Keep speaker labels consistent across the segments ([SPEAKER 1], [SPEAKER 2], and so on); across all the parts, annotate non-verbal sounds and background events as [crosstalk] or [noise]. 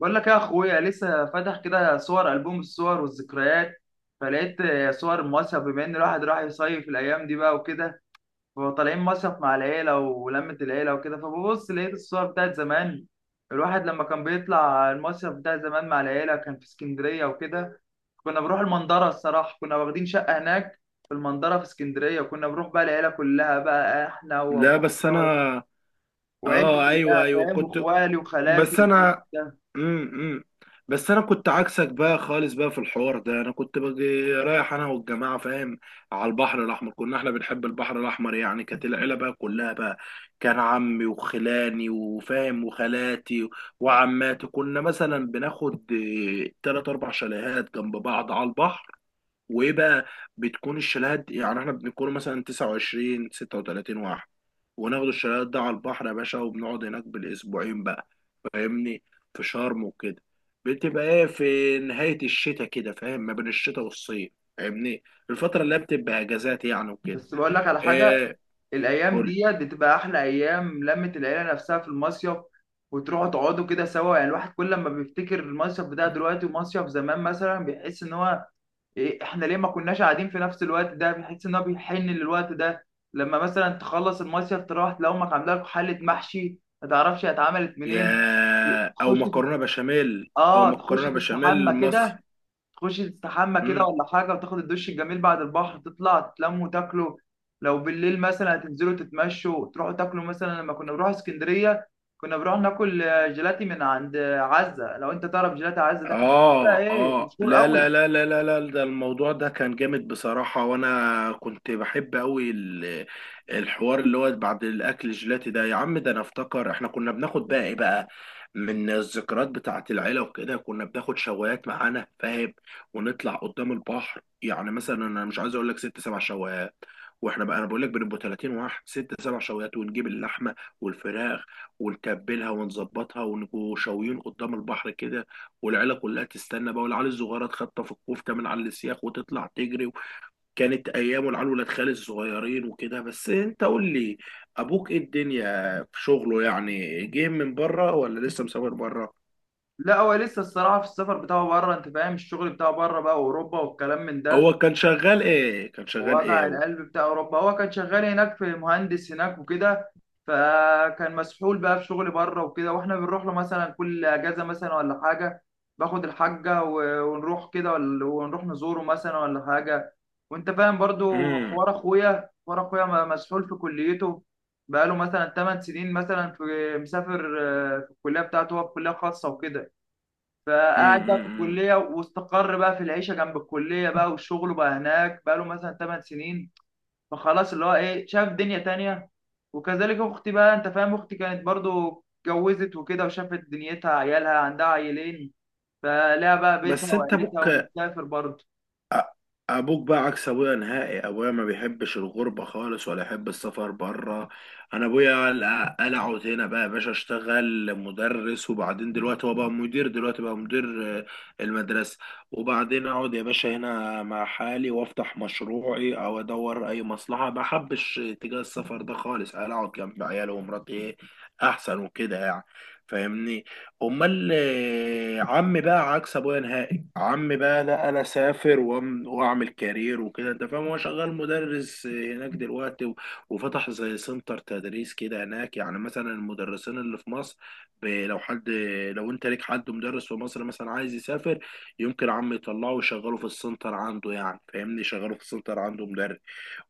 [SPEAKER 1] بقول لك يا اخويا لسه فاتح كده صور البوم الصور والذكريات، فلقيت صور مصيف. بما ان الواحد راح يصيف الايام دي بقى وكده، فطالعين مصيف مع العيله ولمه العيله وكده. فببص لقيت الصور بتاعت زمان. الواحد لما كان بيطلع المصيف بتاع زمان مع العيله كان في اسكندريه وكده. كنا بنروح المنظره. الصراحه كنا واخدين شقه هناك في المنظره في اسكندريه، وكنا بنروح بقى العيله كلها بقى، احنا
[SPEAKER 2] لا، بس انا
[SPEAKER 1] وابويا وعيلتي
[SPEAKER 2] اه، ايوه
[SPEAKER 1] كلها
[SPEAKER 2] ايوه
[SPEAKER 1] فاهم،
[SPEAKER 2] كنت.
[SPEAKER 1] واخوالي وخالاتي
[SPEAKER 2] بس انا،
[SPEAKER 1] وكده.
[SPEAKER 2] امم بس انا كنت عكسك بقى خالص بقى في الحوار ده. انا كنت باجي رايح انا والجماعه، فاهم، على البحر الاحمر. كنا احنا بنحب البحر الاحمر، يعني كانت العيله بقى كلها بقى، كان عمي وخلاني وفاهم وخالاتي وعماتي، كنا مثلا بناخد ثلاث اربع شاليهات جنب بعض على البحر. وايه بقى، بتكون يعني احنا بنكون مثلا 29 36 واحد وناخد الشاليهات ده على البحر يا باشا، وبنقعد هناك بالاسبوعين بقى، فاهمني، في شرم وكده. بتبقى ايه في نهاية الشتاء كده، فاهم، ما بين الشتاء والصيف، فاهمني، الفترة اللي هي بتبقى اجازات يعني وكده.
[SPEAKER 1] بس بقول لك على حاجة:
[SPEAKER 2] ايه؟
[SPEAKER 1] الأيام
[SPEAKER 2] قول.
[SPEAKER 1] ديت بتبقى أحلى أيام لمة العيلة نفسها في المصيف، وتروحوا تقعدوا كده سوا. يعني الواحد كل ما بيفتكر المصيف بتاع دلوقتي ومصيف زمان مثلا بيحس إن هو إيه، إحنا ليه ما كناش قاعدين في نفس الوقت ده؟ بيحس إن هو بيحن للوقت ده. لما مثلا تخلص المصيف تروح تلاقي أمك عاملة لك حلة محشي ما تعرفش هي اتعملت منين.
[SPEAKER 2] يا او
[SPEAKER 1] تخش تت-
[SPEAKER 2] مكرونة بشاميل، او
[SPEAKER 1] آه، تخش
[SPEAKER 2] مكرونة
[SPEAKER 1] تستحمى
[SPEAKER 2] بشاميل مصري.
[SPEAKER 1] كده. تخش تستحمى كده ولا حاجة، وتاخد الدش الجميل بعد البحر، تطلع تتلموا وتاكلوا. لو بالليل مثلا هتنزلوا تتمشوا تروحوا تاكلوا. مثلا لما كنا بنروح اسكندرية كنا بنروح ناكل جيلاتي من عند عزة. لو انت تعرف جيلاتي عزة ده كان بقى
[SPEAKER 2] اه
[SPEAKER 1] ايه،
[SPEAKER 2] اه،
[SPEAKER 1] مشهور
[SPEAKER 2] لا لا
[SPEAKER 1] قوي.
[SPEAKER 2] لا لا لا لا ده الموضوع ده كان جامد بصراحة، وانا كنت بحب قوي الحوار اللي هو بعد الاكل، الجيلاتي ده يا عم، ده انا افتكر احنا كنا بناخد بقى ايه بقى من الذكريات بتاعة العيلة وكده، كنا بناخد شوايات معانا، فاهم، ونطلع قدام البحر. يعني مثلا انا مش عايز اقول لك ست سبع شوايات، واحنا بقى انا بقول لك بنبقى 30 واحد، ست سبع شوايات، ونجيب اللحمه والفراخ ونتبلها ونظبطها ونبقوا شاويين قدام البحر كده، والعيله كلها تستنى بقى، والعيال الصغيره تخطف الكفته من على السياخ وتطلع تجري. كانت ايام، والعيال ولاد خالي الصغيرين وكده. بس انت قول لي، ابوك ايه الدنيا في شغله؟ يعني جه من بره ولا لسه مسافر بره؟
[SPEAKER 1] لا هو لسه الصراحة في السفر بتاعه بره، انت فاهم الشغل بتاعه بره بقى واوروبا والكلام من ده
[SPEAKER 2] هو كان شغال ايه؟ كان شغال ايه
[SPEAKER 1] ووجع
[SPEAKER 2] هو؟
[SPEAKER 1] القلب بتاع اوروبا. هو كان شغال هناك، في مهندس هناك وكده، فكان مسحول بقى في شغل بره وكده. واحنا بنروح له مثلا كل اجازه مثلا ولا حاجه، ونروح كده ونروح نزوره مثلا ولا حاجه. وانت فاهم برضو
[SPEAKER 2] امم
[SPEAKER 1] حوار اخويا، حوار اخويا مسحول في كليته بقاله مثلا 8 سنين مثلا في مسافر، في الكليه بتاعته. هو في كليه خاصه وكده، فقعد
[SPEAKER 2] امم
[SPEAKER 1] بقى في
[SPEAKER 2] أمم.
[SPEAKER 1] الكلية واستقر بقى في العيشة جنب الكلية بقى، والشغل بقى هناك بقى له مثلا 8 سنين. فخلاص اللي هو إيه، شاف دنيا تانية. وكذلك أختي بقى، أنت فاهم، أختي كانت برضو اتجوزت وكده وشافت دنيتها، عيالها عندها عيلين، فلها بقى بيتها
[SPEAKER 2] بس انت
[SPEAKER 1] وعيلتها
[SPEAKER 2] ابوك،
[SPEAKER 1] وبتسافر برضو.
[SPEAKER 2] أ- ابوك بقى عكس ابويا نهائي. ابويا ما بيحبش الغربه خالص، ولا يحب السفر بره. انا ابويا قلعه هنا بقى يا باشا، اشتغل مدرس وبعدين دلوقتي هو بقى مدير، دلوقتي بقى مدير آه، المدرسه. وبعدين اقعد يا باشا هنا مع حالي وافتح مشروعي او ادور اي مصلحه، ما حبش اتجاه السفر ده خالص، قلعه جنب عياله ومراتي إيه؟ احسن وكده يعني، فاهمني. امال آه، عمي بقى عكس ابويا نهائي. عمي بقى، لا انا سافر واعمل كارير وكده، انت فاهم. هو شغال مدرس هناك دلوقتي، وفتح زي سنتر تدريس كده هناك. يعني مثلا المدرسين اللي في مصر، لو حد، لو انت ليك حد مدرس في مصر مثلا عايز يسافر، يمكن عمي يطلعه ويشغله في السنتر عنده. يعني فاهمني، يشغله في السنتر عنده مدرس.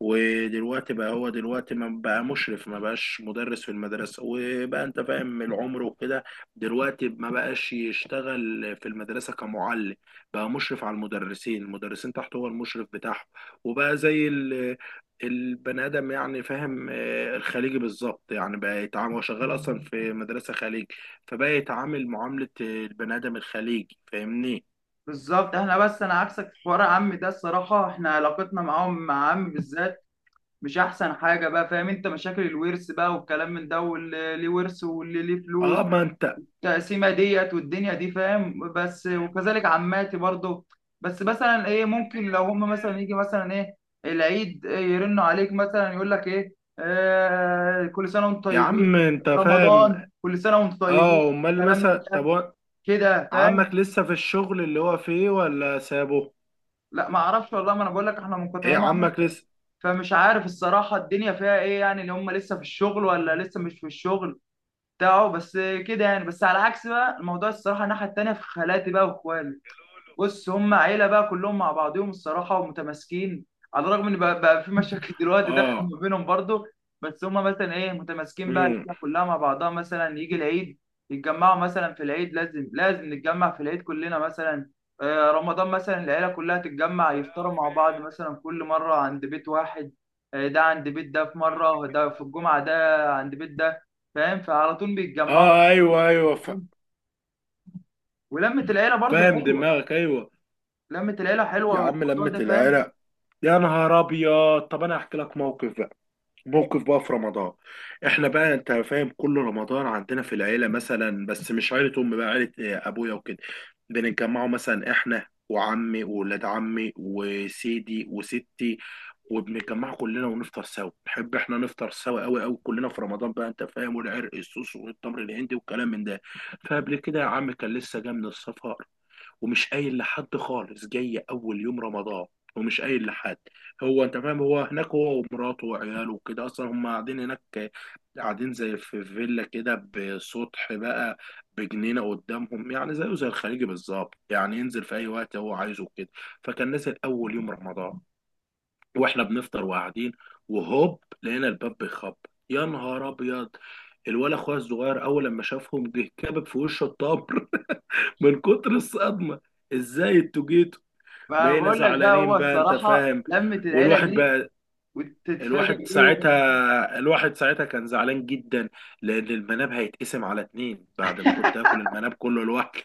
[SPEAKER 2] ودلوقتي بقى هو دلوقتي ما بقى مشرف، ما بقاش مدرس في المدرسة، وبقى انت فاهم العمر وكده. دلوقتي ما بقاش يشتغل في المدرسة كمعلم، بقى مشرف على المدرسين، المدرسين تحته هو المشرف بتاعهم. وبقى زي البني آدم يعني، فاهم، آه، الخليجي بالظبط. يعني بقى يتعامل، هو شغال أصلا في مدرسة خليج، فبقى يتعامل معاملة البني آدم الخليجي، فاهمني.
[SPEAKER 1] بالظبط. احنا بس انا عكسك في حوار عمي ده الصراحة. احنا علاقتنا معاهم، مع عمي بالذات، مش احسن حاجة بقى، فاهم، انت مشاكل الورث بقى والكلام من ده، واللي ليه ورث واللي ليه
[SPEAKER 2] اه،
[SPEAKER 1] فلوس،
[SPEAKER 2] ما انت.
[SPEAKER 1] التقسيمه ديت والدنيا دي فاهم. بس وكذلك عماتي برضو. بس مثلا ايه، ممكن لو هم مثلا يجي مثلا ايه، العيد، يرنوا عليك مثلا، يقول لك ايه، آه كل سنه وانتم
[SPEAKER 2] يا عم
[SPEAKER 1] طيبين،
[SPEAKER 2] انت فاهم.
[SPEAKER 1] رمضان كل سنه وانتم طيبين،
[SPEAKER 2] اه، امال
[SPEAKER 1] كلام من
[SPEAKER 2] مثلا، طب
[SPEAKER 1] ده
[SPEAKER 2] هو
[SPEAKER 1] كده فاهم.
[SPEAKER 2] عمك لسه في الشغل اللي هو فيه ولا سابه؟
[SPEAKER 1] لا ما اعرفش والله، ما انا بقول لك احنا
[SPEAKER 2] ايه
[SPEAKER 1] منقطعين عنهم،
[SPEAKER 2] عمك لسه؟
[SPEAKER 1] فمش عارف الصراحه الدنيا فيها ايه يعني، اللي هم لسه في الشغل ولا لسه مش في الشغل بتاعه. بس كده يعني. بس على عكس بقى الموضوع الصراحه، الناحيه التانيه في خالاتي بقى واخوالي، بص، هم عيله بقى كلهم مع بعضهم الصراحه ومتماسكين، على الرغم ان بقى في مشاكل [laughs] دلوقتي داخل
[SPEAKER 2] اه.
[SPEAKER 1] ما بينهم برضو. بس هم مثلا ايه، متماسكين بقى
[SPEAKER 2] امم.
[SPEAKER 1] العيله كلها مع بعضها. مثلا يجي العيد يتجمعوا مثلا في العيد، لازم نتجمع في العيد كلنا مثلا. رمضان مثلا العيله كلها تتجمع يفطروا مع بعض، مثلا كل مره عند بيت واحد. ده عند بيت ده في مره، ده في الجمعه ده عند بيت ده، فاهم، فعلى طول بيتجمعوا.
[SPEAKER 2] اه، ايوه
[SPEAKER 1] ولمة العيلة برضو
[SPEAKER 2] فاهم
[SPEAKER 1] حلوة.
[SPEAKER 2] دماغك، ايوه.
[SPEAKER 1] لمة العيلة حلوة
[SPEAKER 2] يا عم
[SPEAKER 1] بالموضوع
[SPEAKER 2] لمة
[SPEAKER 1] ده فاهم.
[SPEAKER 2] العرق، يا نهار ابيض. طب انا هحكي لك موقف بقى، موقف بقى في رمضان. احنا بقى انت فاهم، كل رمضان عندنا في العيله مثلا، بس مش عيله امي بقى، عيله آه، ابويا وكده، بنتجمعوا مثلا احنا وعمي وولاد عمي وسيدي وستي، وبنتجمع كلنا ونفطر سوا. نحب احنا نفطر سوا قوي قوي كلنا في رمضان بقى، انت فاهم، والعرق السوس والتمر الهندي والكلام من ده. فقبل كده يا عم كان لسه جاي من السفر، ومش قايل لحد خالص، جاي اول يوم رمضان ومش قايل لحد. هو انت فاهم، هو هناك هو ومراته وعياله وكده اصلا هم قاعدين هناك، قاعدين زي في فيلا كده بسطح بقى، بجنينه قدامهم. يعني زيه زي الخليجي بالظبط، يعني ينزل في اي وقت هو عايزه كده. فكان نزل اول يوم رمضان، واحنا بنفطر وقاعدين، وهوب لقينا الباب بيخبط. يا نهار ابيض، الولا اخويا الصغير اول لما شافهم جه كابب في وشه الطبل من كتر الصدمه. ازاي انتوا جيتوا؟
[SPEAKER 1] ما انا
[SPEAKER 2] بقينا
[SPEAKER 1] بقول لك بقى
[SPEAKER 2] زعلانين
[SPEAKER 1] هو
[SPEAKER 2] بقى، انت
[SPEAKER 1] الصراحه
[SPEAKER 2] فاهم.
[SPEAKER 1] لمه العيله
[SPEAKER 2] والواحد
[SPEAKER 1] دي
[SPEAKER 2] بقى،
[SPEAKER 1] وتتفاجئ بيهم.
[SPEAKER 2] الواحد ساعتها كان زعلان جدا، لان المناب هيتقسم على اتنين بعد ما كنت اكل المناب كله لوحدي،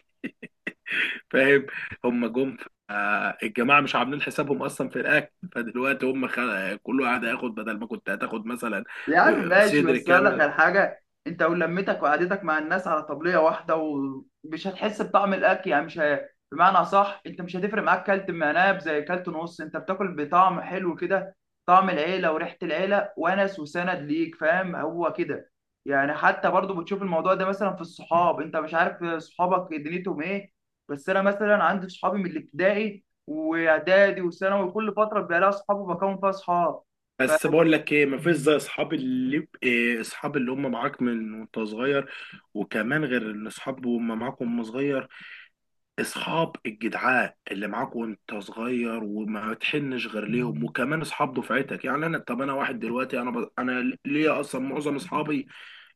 [SPEAKER 2] فاهم. هم جم آه، الجماعه مش عاملين حسابهم اصلا في الاكل، فدلوقتي هم خل... كل واحد هياخد بدل ما كنت هتاخد مثلا
[SPEAKER 1] يا عم
[SPEAKER 2] آه،
[SPEAKER 1] ماشي،
[SPEAKER 2] صدر
[SPEAKER 1] بس اقول لك
[SPEAKER 2] كامل.
[SPEAKER 1] على حاجه: انت ولمتك وقعدتك مع الناس على طبليه واحده، ومش هتحس بطعم الاكل يعني. مش ه... بمعنى، صح انت مش هتفرق معاك كلت مناب زي كلت نص، انت بتاكل بطعم حلو كده، طعم العيله وريحه العيله ونس وسند ليك، فاهم، هو كده يعني. حتى برضو بتشوف الموضوع ده مثلا في الصحاب. انت مش عارف صحابك دنيتهم ايه، بس انا مثلا عندي صحابي من الابتدائي واعدادي وثانوي، كل فتره بيبقى لها صحاب وبكون فيها صحاب. ف-
[SPEAKER 2] بس بقول لك ايه، مفيش زي اصحاب اللي إيه، اصحاب اللي هم معاك من وانت صغير. وكمان غير ان اصحاب وهم معاك وهم صغير، اصحاب الجدعاء اللي معاك وانت صغير وما تحنش غير ليهم. وكمان اصحاب دفعتك، يعني انا، طب انا واحد دلوقتي انا انا ليا اصلا معظم اصحابي،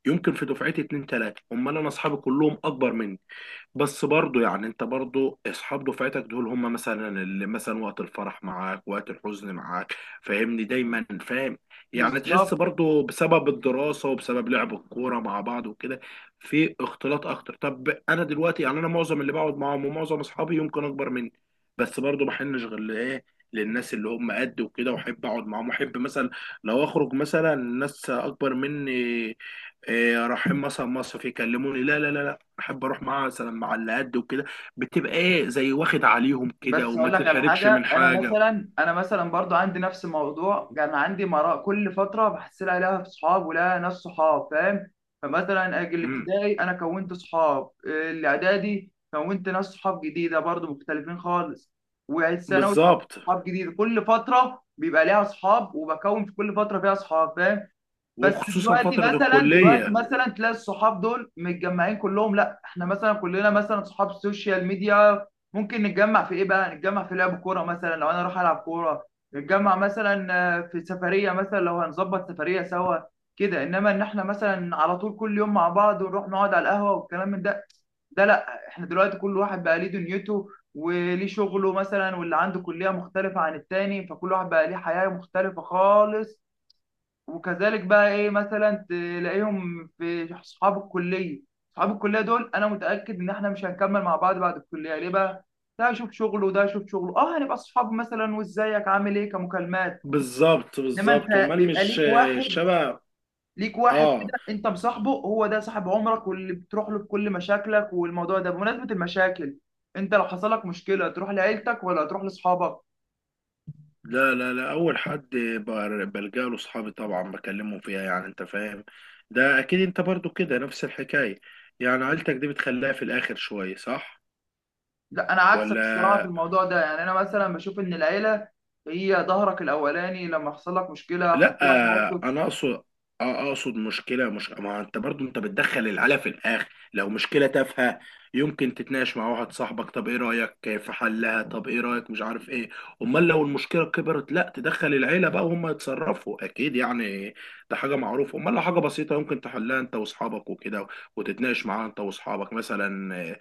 [SPEAKER 2] يمكن في دفعتي اتنين تلاته، امال انا اصحابي كلهم اكبر مني. بس برضو يعني، انت برضو اصحاب دفعتك دول هم مثلا اللي مثلا وقت الفرح معاك، وقت الحزن معاك، فاهمني، دايما، فاهم. يعني تحس
[SPEAKER 1] بالظبط.
[SPEAKER 2] برضو بسبب الدراسة وبسبب لعب الكورة مع بعض وكده في اختلاط اكتر. طب انا دلوقتي يعني، انا معظم اللي بقعد معاهم ومعظم اصحابي يمكن اكبر مني، بس برضو بحنش غير لايه، للناس اللي هم قد وكده، واحب اقعد معاهم. واحب مثلا لو اخرج مثلا ناس اكبر مني، إيه، رايحين مثلا مصيف، يكلموني، لا لا لا، احب اروح معاها مثلا مع اللي قد وكده. بتبقى ايه زي واخد عليهم كده
[SPEAKER 1] بس
[SPEAKER 2] وما
[SPEAKER 1] اقول لك على
[SPEAKER 2] تتحركش من
[SPEAKER 1] حاجه: انا
[SPEAKER 2] حاجه.
[SPEAKER 1] مثلا انا مثلا برضو عندي نفس الموضوع، كان عندي مراء كل فتره بحصل عليها في صحاب ولا ناس صحاب فاهم. فمثلا اجي
[SPEAKER 2] امم.
[SPEAKER 1] الابتدائي انا كونت صحاب، الاعدادي كونت ناس صحاب جديده برضو مختلفين خالص، والثانوي كونت
[SPEAKER 2] بالظبط.
[SPEAKER 1] صحاب جديده. كل فتره بيبقى ليها صحاب وبكون في كل فتره فيها صحاب فاهم. بس
[SPEAKER 2] وخصوصا
[SPEAKER 1] دلوقتي
[SPEAKER 2] فتره
[SPEAKER 1] مثلا، دلوقتي
[SPEAKER 2] الكليه.
[SPEAKER 1] مثلا تلاقي الصحاب دول متجمعين كلهم، لا. احنا مثلا كلنا مثلا صحاب السوشيال ميديا، ممكن نتجمع في ايه بقى، نتجمع في لعب كوره مثلا لو انا اروح العب كوره، نتجمع مثلا في سفريه مثلا لو هنظبط سفريه سوا كده. انما ان احنا مثلا على طول كل يوم مع بعض ونروح نقعد على القهوه والكلام من ده، ده لا. احنا دلوقتي كل واحد بقى ليه دنيته وليه شغله مثلا، واللي عنده كليه مختلفه عن التاني، فكل واحد بقى ليه حياه مختلفه خالص. وكذلك بقى ايه مثلا تلاقيهم في اصحاب الكليه. اصحاب الكليه دول انا متاكد ان احنا مش هنكمل مع بعض بعد الكليه. ليه بقى؟ ده يشوف شغله وده يشوف شغله. اه هنبقى اصحاب مثلا، وازيك عامل ايه، كمكالمات.
[SPEAKER 2] بالظبط
[SPEAKER 1] انما
[SPEAKER 2] بالظبط،
[SPEAKER 1] انت
[SPEAKER 2] امال
[SPEAKER 1] بيبقى
[SPEAKER 2] مش
[SPEAKER 1] ليك
[SPEAKER 2] آه،
[SPEAKER 1] واحد
[SPEAKER 2] شبه.
[SPEAKER 1] ليك واحد
[SPEAKER 2] اه،
[SPEAKER 1] كده انت مصاحبه، هو ده صاحب عمرك واللي بتروح له بكل مشاكلك. والموضوع ده بمناسبه المشاكل: انت لو حصل لك مشكله تروح لعيلتك ولا تروح لاصحابك؟
[SPEAKER 2] لا، اول حد بلجأ له صحابي طبعا، بكلمهم فيها، يعني انت فاهم، ده اكيد. انت برضو كده نفس الحكايه، يعني عيلتك دي بتخليها في الاخر شويه، صح
[SPEAKER 1] لا انا عكسك الصراحه في
[SPEAKER 2] ولا
[SPEAKER 1] الموضوع ده. يعني انا مثلا بشوف ان العيله هي ظهرك الاولاني لما حصل لك مشكله، حصل
[SPEAKER 2] لا؟
[SPEAKER 1] لك
[SPEAKER 2] آه،
[SPEAKER 1] موقف.
[SPEAKER 2] انا اقصد آه، اقصد مشكله، مش ما انت برضو انت بتدخل العلا في الاخر. لو مشكله تافهه يمكن تتناقش مع واحد صاحبك، طب ايه رايك في حلها، طب ايه رايك، مش عارف ايه. امال لو المشكله كبرت، لا تدخل العيله بقى وهم يتصرفوا اكيد يعني، ده حاجه معروفه. امال لو حاجه بسيطه يمكن تحلها انت واصحابك وكده، وتتناقش معاها انت واصحابك مثلا، آه،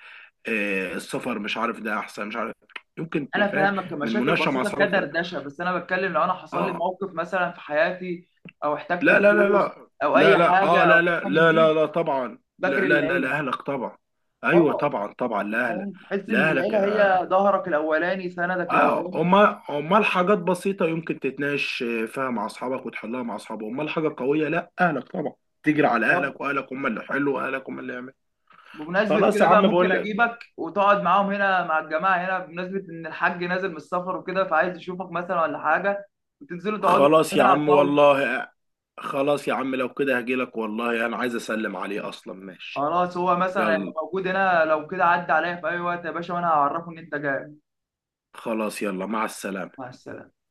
[SPEAKER 2] آه، السفر مش عارف، ده احسن مش عارف، يمكن
[SPEAKER 1] انا
[SPEAKER 2] تفهم
[SPEAKER 1] فاهمك
[SPEAKER 2] من
[SPEAKER 1] كمشاكل
[SPEAKER 2] مناقشه مع
[SPEAKER 1] بسيطه
[SPEAKER 2] اصحابك ده.
[SPEAKER 1] كدردشه، بس انا بتكلم لو انا حصل لي
[SPEAKER 2] اه.
[SPEAKER 1] موقف مثلا في حياتي او احتجت
[SPEAKER 2] لا لا لا
[SPEAKER 1] فلوس
[SPEAKER 2] لا
[SPEAKER 1] او
[SPEAKER 2] لا
[SPEAKER 1] اي
[SPEAKER 2] لا
[SPEAKER 1] حاجه
[SPEAKER 2] اه،
[SPEAKER 1] او
[SPEAKER 2] لا لا
[SPEAKER 1] حاجه من
[SPEAKER 2] لا لا
[SPEAKER 1] دي،
[SPEAKER 2] لا طبعا. لا
[SPEAKER 1] بجري
[SPEAKER 2] لا لا
[SPEAKER 1] للعيله.
[SPEAKER 2] لاهلك طبعا. ايوه
[SPEAKER 1] اه.
[SPEAKER 2] طبعا طبعا، لاهلك.
[SPEAKER 1] فاهم؟ تحس ان
[SPEAKER 2] لاهلك.
[SPEAKER 1] العيله هي ظهرك الاولاني، سندك
[SPEAKER 2] اه،
[SPEAKER 1] الاولاني.
[SPEAKER 2] امال امال حاجات بسيطه يمكن تتناقش فيها مع اصحابك وتحلها مع اصحابك، امال حاجه قويه لا اهلك طبعا، تجري على اهلك، واهلك هم اللي حلوا، واهلك هم اللي يعملوا.
[SPEAKER 1] بمناسبة
[SPEAKER 2] خلاص يا
[SPEAKER 1] كده بقى،
[SPEAKER 2] عم،
[SPEAKER 1] ممكن
[SPEAKER 2] بقول لك،
[SPEAKER 1] أجيبك وتقعد معاهم هنا مع الجماعة هنا بمناسبة إن الحاج نازل من السفر وكده، فعايز يشوفك مثلا ولا حاجة، وتنزلوا تقعدوا
[SPEAKER 2] خلاص يا
[SPEAKER 1] نلعب
[SPEAKER 2] عم
[SPEAKER 1] طاولة.
[SPEAKER 2] والله. خلاص يا عم لو كده هجيلك والله، انا عايز اسلم عليه اصلا، ماشي.
[SPEAKER 1] خلاص، هو مثلا هيبقى
[SPEAKER 2] يلا،
[SPEAKER 1] موجود هنا. لو كده عدى عليا في أي وقت يا باشا وأنا هعرفه إن أنت جاي.
[SPEAKER 2] خلاص يلا، مع السلامه.
[SPEAKER 1] مع السلامة.